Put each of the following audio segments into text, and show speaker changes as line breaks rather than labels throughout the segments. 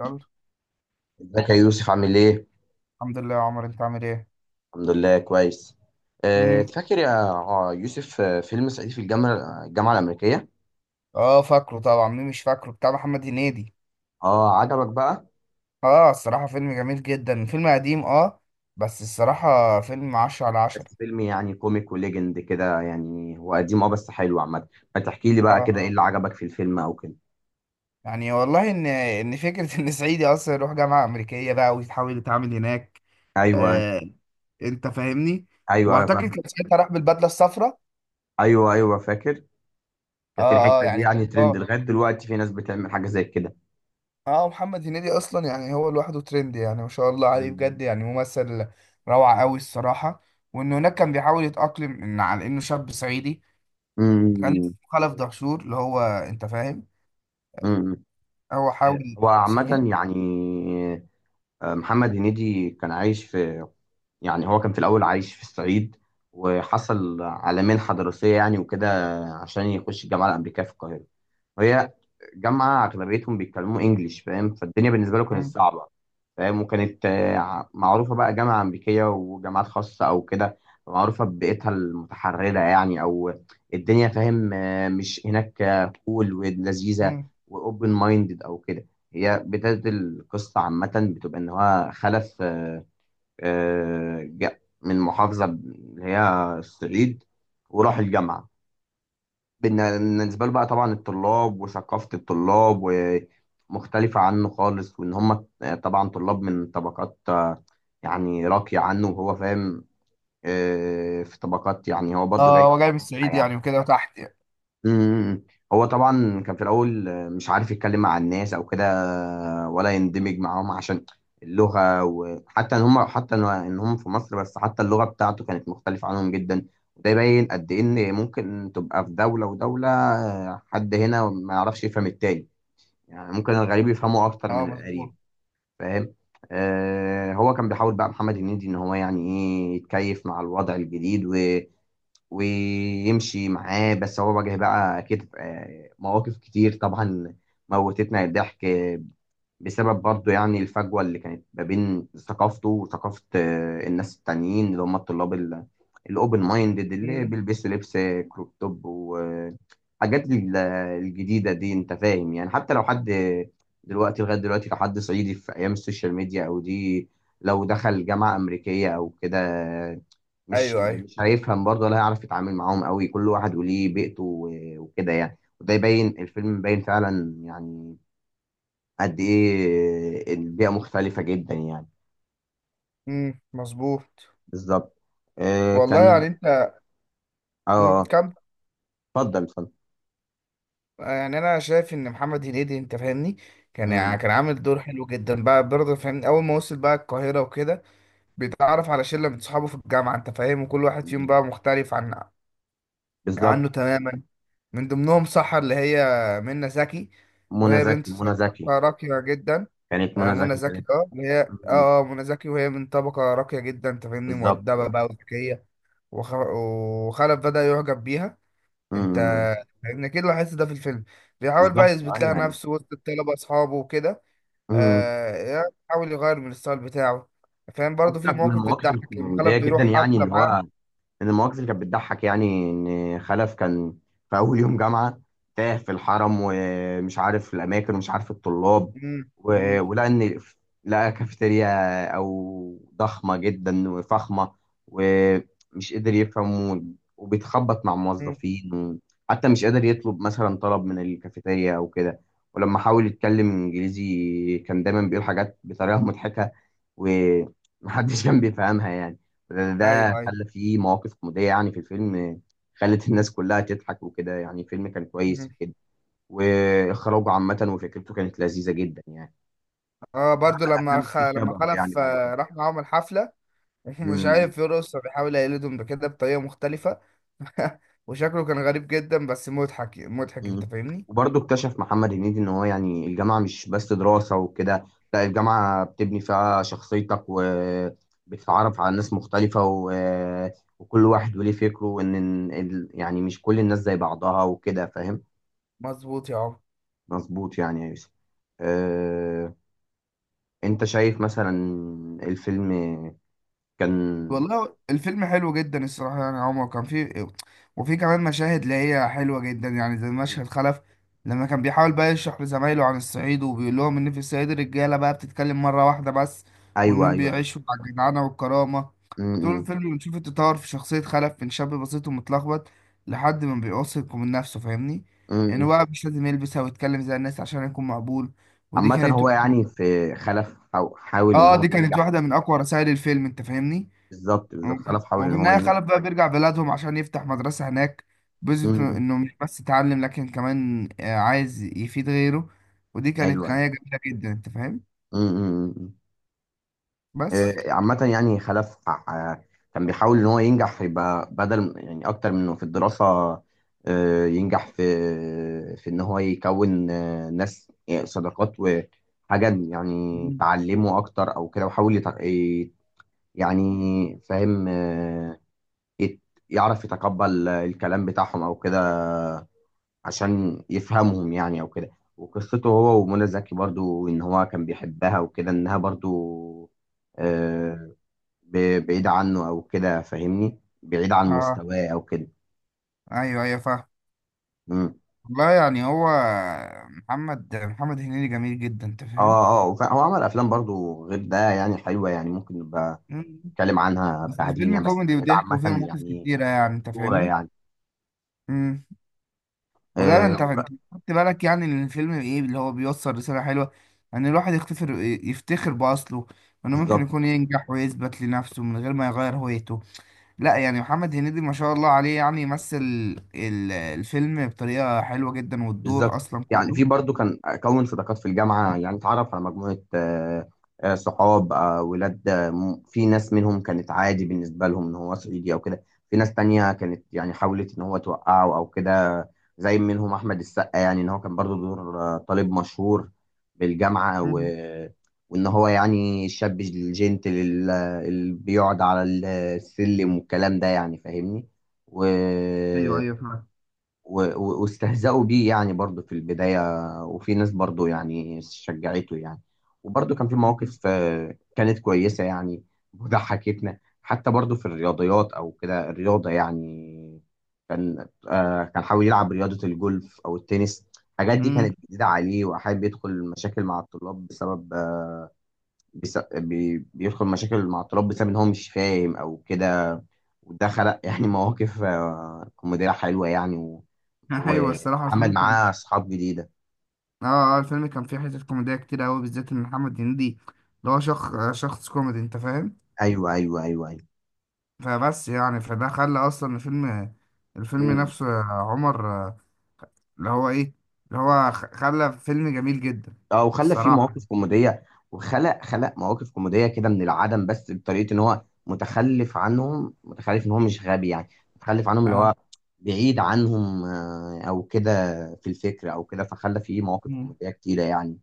يلا.
ازيك يا يوسف عامل ايه؟
الحمد لله يا عمر، انت عامل ايه؟
الحمد لله كويس.
امم
فاكر يا يوسف فيلم صعيدي في الجامعة الأمريكية؟
اه، فاكره طبعا، مين مش فاكره؟ بتاع محمد هنيدي.
اه، عجبك بقى؟
اه، الصراحه فيلم جميل جدا، فيلم قديم. اه، بس الصراحه فيلم عشرة على عشرة.
بس فيلم يعني كوميك وليجند كده، يعني هو قديم بس حلو عامة. ما تحكي لي بقى
اه
كده ايه اللي عجبك في الفيلم او كده؟
يعني والله ان فكره ان صعيدي اصلا يروح جامعه امريكيه بقى ويتحاول يتعامل هناك.
ايوه،
آه انت فاهمني.
ايوه، ايوه،
واعتقد
فاهم.
كان ساعتها راح بالبدله الصفراء.
ايوه، ايوه، فاكر. كانت
اه اه،
الحتة دي
يعني
يعني
بجد
ترند
هو
لغاية دلوقتي، في ناس بتعمل حاجة زي كده.
اه محمد هنيدي اصلا، يعني هو لوحده ترند، يعني ما شاء الله عليه
مم.
بجد، يعني ممثل روعة قوي الصراحة. وان هناك كان بيحاول يتأقلم ان على انه شاب صعيدي. كان اسمه
امم.
خلف دهشور، اللي هو انت فاهم.
امم.
هو حاول.
هو عامة
ثانية.
يعني محمد هنيدي كان عايش في. يعني هو كان في الأول عايش في الصعيد، وحصل على منحة دراسية يعني وكده، عشان يخش الجامعة الأمريكية في القاهرة، وهي جامعة أغلبيتهم بيتكلموا إنجليش، فاهم، فالدنيا بالنسبة له كانت
مم.
صعبة. فاهم، وكانت معروفة بقى جامعة أمريكية وجامعات خاصة أو كده، معروفة ببيئتها المتحررة يعني، أو الدنيا، فاهم، مش هناك كول ولذيذة،
مم.
وأوبن مايندد أو كده. هي بداية القصة عامة بتبقى إن هو خلف جاء من محافظة اللي هي الصعيد، وراح الجامعة. بالنسبة له بقى طبعا، الطلاب وثقافة الطلاب ومختلفة عنه خالص، وإن هم طبعا طلاب من طبقات يعني راقية عنه، وهو فاهم في طبقات، يعني هو برضه
اه،
جاي.
هو جاي من الصعيد يعني وكده تحت يعني.
امم. هو طبعا كان في الاول، مش عارف يتكلم مع الناس او كده، ولا يندمج معاهم، عشان اللغه، وحتى ان هم حتى ان إن هم في مصر بس، حتى اللغه بتاعته كانت مختلفه عنهم جدا. وده يبين قد ايه ان ممكن تبقى في دوله ودوله، حد هنا ما يعرفش يفهم التاني، يعني ممكن الغريب يفهمه اكتر
اه،
من
مظبوط.
القريب. فاهم. هو كان بيحاول بقى محمد هنيدي ان هو يعني ايه يتكيف مع الوضع الجديد ويمشي معاه، بس هو واجه بقى أكيد مواقف كتير طبعا، موتتنا الضحك، بسبب برضه يعني الفجوة اللي كانت ما بين ثقافته وثقافة الناس التانيين اللي هم الطلاب الأوبن مايندد، اللي
مم.
بيلبسوا لبس كروب توب، وحاجات الجديدة دي. أنت فاهم، يعني حتى لو حد دلوقتي، لغاية دلوقتي، لو حد صعيدي في أيام السوشيال ميديا أو دي، لو دخل جامعة أمريكية أو كده، مش
ايوه ايوه.
مش هيفهم برضه، ولا هيعرف يتعامل معاهم قوي. كل واحد وليه بيئته وكده، يعني وده يبين الفيلم باين فعلا يعني قد ايه البيئه مختلفه جدا يعني.
مم. مظبوط.
بالظبط.
والله
كان.
يعني انت.
اه
مم.
آه،
كم.
اتفضل اتفضل.
يعني انا شايف ان محمد هنيدي، انت فاهمني، كان يعني
مم.
كان عامل دور حلو جدا بقى، برضه فاهمني، اول ما وصل بقى القاهرة وكده بيتعرف على شلة من صحابه في الجامعة، انت فاهم، وكل واحد فيهم
مم.
بقى مختلف
بالظبط.
عنه تماما. من ضمنهم سحر اللي هي منى زكي،
منى
وهي بنت
زكي، منى زكي.
طبقة راقية جدا.
كانت
آه،
منى
منى
زكي،
زكي،
كانت.
اللي هي
مم.
منى زكي، وهي من طبقة راقية جدا، انت فاهمني،
بالظبط.
مؤدبة بقى وذكية. وخلف بدأ يعجب بيها. انت
مم.
فاهمني، اكيد لاحظت ده في الفيلم. بيحاول
بالظبط،
بقى يثبت لها
ايوه، يعني.
نفسه وسط الطلبة اصحابه وكده.
مم.
يعني يحاول يغير من الستايل بتاعه. فاهم؟ برضه
حتى
في
من
مواقف
المواقف
بتضحك لما خلف
الكوميديه جدا،
بيروح
يعني
حفلة
ان هو،
معاهم.
من المواقف اللي كانت بتضحك، يعني ان خلف كان في اول يوم جامعه، تاه في الحرم، ومش عارف الاماكن، ومش عارف الطلاب،
امم امم
ولقى ان، لقى كافيتيريا او ضخمه جدا وفخمه، ومش قادر يفهم، وبيتخبط مع
مم.
موظفين، وحتى مش قادر يطلب مثلا طلب من الكافيتيريا او كده. ولما حاول يتكلم انجليزي، كان دايما بيقول حاجات بطريقه مضحكه، ومحدش كان بيفهمها يعني، لأن ده
ايوه ايوه.
خلى فيه مواقف كوميدية يعني في الفيلم، خلت الناس كلها تضحك وكده. يعني الفيلم كان كويس في
مم.
كده، وإخراجه عامة وفكرته كانت لذيذة جدا يعني.
اه، برضه
عمل أفلام كتير
لما
شبهه يعني
خلف
بعد كده.
راح معاهم الحفلة ومش
مم.
عارف يرقص، فبيحاول يقلدهم بكده بطريقة مختلفة وشكله كان غريب جدا، بس مضحك مضحك، انت
مم.
فاهمني.
وبرضه اكتشف محمد هنيدي إن هو، يعني الجامعة مش بس دراسة وكده، لا الجامعة بتبني فيها شخصيتك، وبتتعرف على ناس مختلفة، و... وكل واحد وليه فكره، وإن يعني مش كل الناس زي بعضها وكده، فاهم.
مظبوط يا عمر.
مظبوط يعني يا يوسف. أه... انت شايف مثلا الفيلم كان.
والله الفيلم حلو جدا الصراحة، يعني يا عمر كان فيه. وفي كمان مشاهد اللي هي حلوة جدا، يعني زي مشهد خلف لما كان بيحاول بقى يشرح لزمايله عن الصعيد، وبيقول لهم إن في الصعيد الرجالة بقى بتتكلم مرة واحدة بس،
ايوه،
وإنهم
ايوه، ايوه.
بيعيشوا على الجدعنة والكرامة.
م-
طول
م-
الفيلم بنشوف التطور في شخصية خلف، من شاب بسيط ومتلخبط لحد ما بيواثق من نفسه. فاهمني؟ إنه
م-
بقى مش لازم يلبس أو يتكلم زي الناس عشان يكون مقبول. ودي
عامة
كانت،
هو يعني في خلف حاول ان هو
دي كانت
ينجح.
واحدة من أقوى رسائل الفيلم. أنت فاهمني؟
بالظبط، بالظبط، خلف
وفي
حاول ان هو
النهاية خلف
ينجح.
بقى بيرجع بلادهم عشان يفتح مدرسة هناك.
م-
بيثبت
م.
إنه مش بس اتعلم، لكن كمان عايز يفيد غيره. ودي كانت
ايوه، ايوه.
نهاية جميلة جدا. أنت فاهم؟
م- م- م.
بس.
عامة يعني خلف كان بيحاول إن هو ينجح، يبقى بدل يعني أكتر من إنه في الدراسة، ينجح في، في إن هو يكون ناس يعني صداقات وحاجة يعني
مم.
تعلمه أكتر أو كده، وحاول يعني، فاهم، يت- يعرف يتقبل الكلام بتاعهم أو كده، عشان يفهمهم يعني أو كده. وقصته هو ومنى زكي برضو، إن هو كان بيحبها وكده، إنها برضو آه، بعيد عنه او كده، فاهمني، بعيد عن
اه،
مستواه او كده.
أيوه أيوه فاهم.
امم.
والله يعني هو، محمد هنيدي جميل جدا. أنت فاهم؟
اه، اه، هو عمل افلام برضو غير ده، يعني حلوه، يعني ممكن نبقى
مم.
نتكلم عنها
بس
بعدين
الفيلم
يعني، بس
كوميدي
الفيلم ده
وضحك،
عامه
وفيه مواقف
يعني
كتيرة يعني. أنت
صوره
فاهمني؟
يعني.
مم. ولا انت
آه
خدت بالك يعني ان الفيلم، ايه اللي هو بيوصل رسالة حلوة؟ ان الواحد يفتخر بأصله، وانه ممكن
بالظبط،
يكون ينجح ويثبت لنفسه من غير ما يغير هويته. لا يعني محمد هنيدي، ما شاء الله عليه، يعني يمثل الفيلم بطريقة حلوة جدا، والدور
بالظبط.
اصلا
يعني
كله.
في برضو كان اكون صداقات في الجامعه، يعني اتعرف على مجموعه صحاب ولاد في ناس منهم كانت عادي بالنسبه لهم ان هو صعيدي او كده. في ناس تانية كانت يعني حاولت ان هو توقعه او كده. زي منهم احمد السقا، يعني ان هو كان برضو دور طالب مشهور بالجامعه. و...
مم.
وان هو يعني الشاب الجنتل اللي بيقعد على السلم والكلام ده يعني، فاهمني. و
ايوه ايوه فعلا.
واستهزأوا بيه يعني برضه في البداية. وفي ناس برضه يعني شجعته يعني، وبرضه كان في
مم.
مواقف كانت كويسة يعني وضحكتنا. حتى برضه في الرياضيات أو كده، الرياضة يعني، كان حاول يلعب رياضة الجولف أو التنس. الحاجات دي
مم.
كانت جديدة عليه، وحابب يدخل مشاكل مع الطلاب بسبب بس بيدخل مشاكل مع الطلاب بسبب إن هو مش فاهم أو كده، وده خلق يعني مواقف كوميدية حلوة يعني،
ايوه الصراحة
وعمل
الفيلم كان.
معاه اصحاب جديده.
اه اه، الفيلم كان فيه حتت كوميدية كتير قوي، بالذات ان محمد هنيدي اللي هو شخص كوميدي، انت فاهم.
ايوه، ايوه، ايوه، ايوه.
فبس يعني فده خلى اصلا الفيلم،
مم.
نفسه يا عمر، اللي هو ايه، اللي هو خلى فيلم جميل جدا
اه، وخلى فيه
الصراحة.
مواقف كوميديه، وخلق خلق مواقف كوميديه كده من العدم، بس بطريقه ان هو متخلف عنهم، متخلف ان هو مش غبي يعني، متخلف عنهم اللي هو
آه.
بعيد عنهم او كده، في الفكر او كده. فخلى فيه مواقف
مم.
كوميديه كتيره يعني،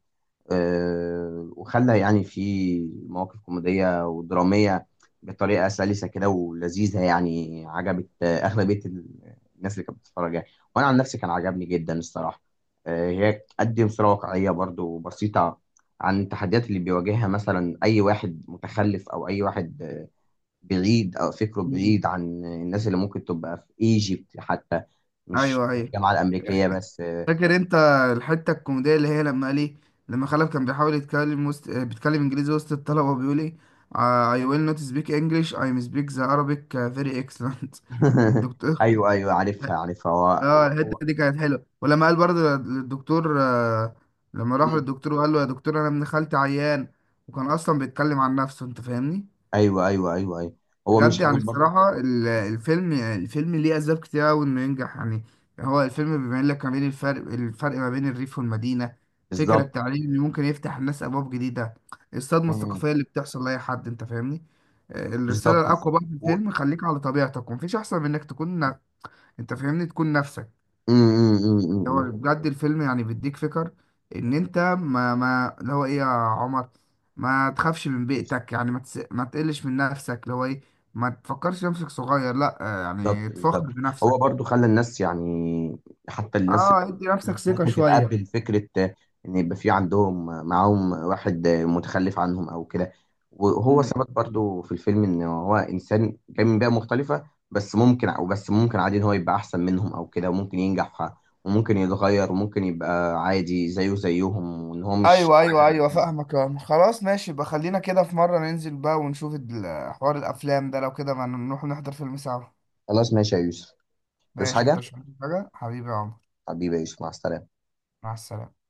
وخلى يعني في مواقف كوميدية ودرامية بطريقة سلسة كده ولذيذة يعني. عجبت أغلبية الناس اللي كانت بتتفرج يعني. وأنا عن نفسي كان عجبني جدا الصراحة. هي بتقدم صورة واقعية برضو بسيطة عن التحديات اللي بيواجهها مثلا، أي واحد متخلف أو أي واحد بعيد أو فكره
مم.
بعيد عن الناس، اللي ممكن تبقى في إيجيبت حتى، مش
ايوه ايوه.
الجامعة الأمريكية بس
فاكر انت الحتة الكوميدية اللي هي لما قال ايه، لما خلف كان بيحاول يتكلم وسط، بيتكلم انجليزي وسط الطلبة، وبيقول ايه، I will not speak English I speak the Arabic very excellent الدكتور.
أيوه، أيوه، عارفها، عارفها.
اه، الحته
هو.
دي كانت حلوه. ولما قال برضه للدكتور، لما راح
مم.
للدكتور وقال له يا دكتور انا ابن خالتي عيان، وكان اصلا بيتكلم عن نفسه، انت فاهمني.
ايوه، ايوه، ايوه، ايوه. هو
بجد
مش
يعني
عاوز برضه.
الصراحه الفيلم، ليه اسباب كتير قوي انه ينجح يعني. هو الفيلم بيبين لك ما بين الفرق ما بين الريف والمدينه. فكره
بالظبط.
التعليم اللي ممكن يفتح الناس ابواب جديده. الصدمه
مم.
الثقافيه اللي بتحصل لاي حد، انت فاهمني. الرساله
بالظبط، بالظبط.
الاقوى بقى في
و...
الفيلم، خليك على طبيعتك ومفيش احسن من انك تكون انت فاهمني، تكون نفسك.
مم، مم، مم، مم،
هو بجد الفيلم يعني بيديك فكر ان انت، ما اللي هو ايه يا عمر، ما تخافش من
مم.
بيئتك يعني، ما تقلش من نفسك، اللي هو ايه، ما تفكرش نفسك صغير، لا،
بالظبط،
يعني تفخر
بالظبط.
بنفسك.
هو برضو خلى الناس يعني، حتى الناس
اه، ادي نفسك
اللي
ثقة
ممكن
شوية.
تتقبل فكرة، ان يبقى في عندهم معاهم واحد متخلف عنهم او كده. وهو
مم.
ثبت برضو في الفيلم ان هو انسان جاي من بيئة مختلفة، بس ممكن او بس ممكن عادي ان هو يبقى احسن منهم او كده، وممكن ينجح، وممكن يتغير، وممكن يبقى عادي زيه زيهم، وان هو مش
ايوه ايوه
حاجة.
ايوه فاهمك يا عمر. خلاص ماشي، يبقى خلينا كده في مرة ننزل بقى ونشوف حوار الافلام ده، لو كده ما نروح نحضر فيلم سوا.
خلاص ماشي يا يوسف. تدوس
ماشي،
حاجة.
انت مش عايز حاجة حبيبي يا عمر؟
حبيبي يا يوسف، مع السلامة.
مع السلامة.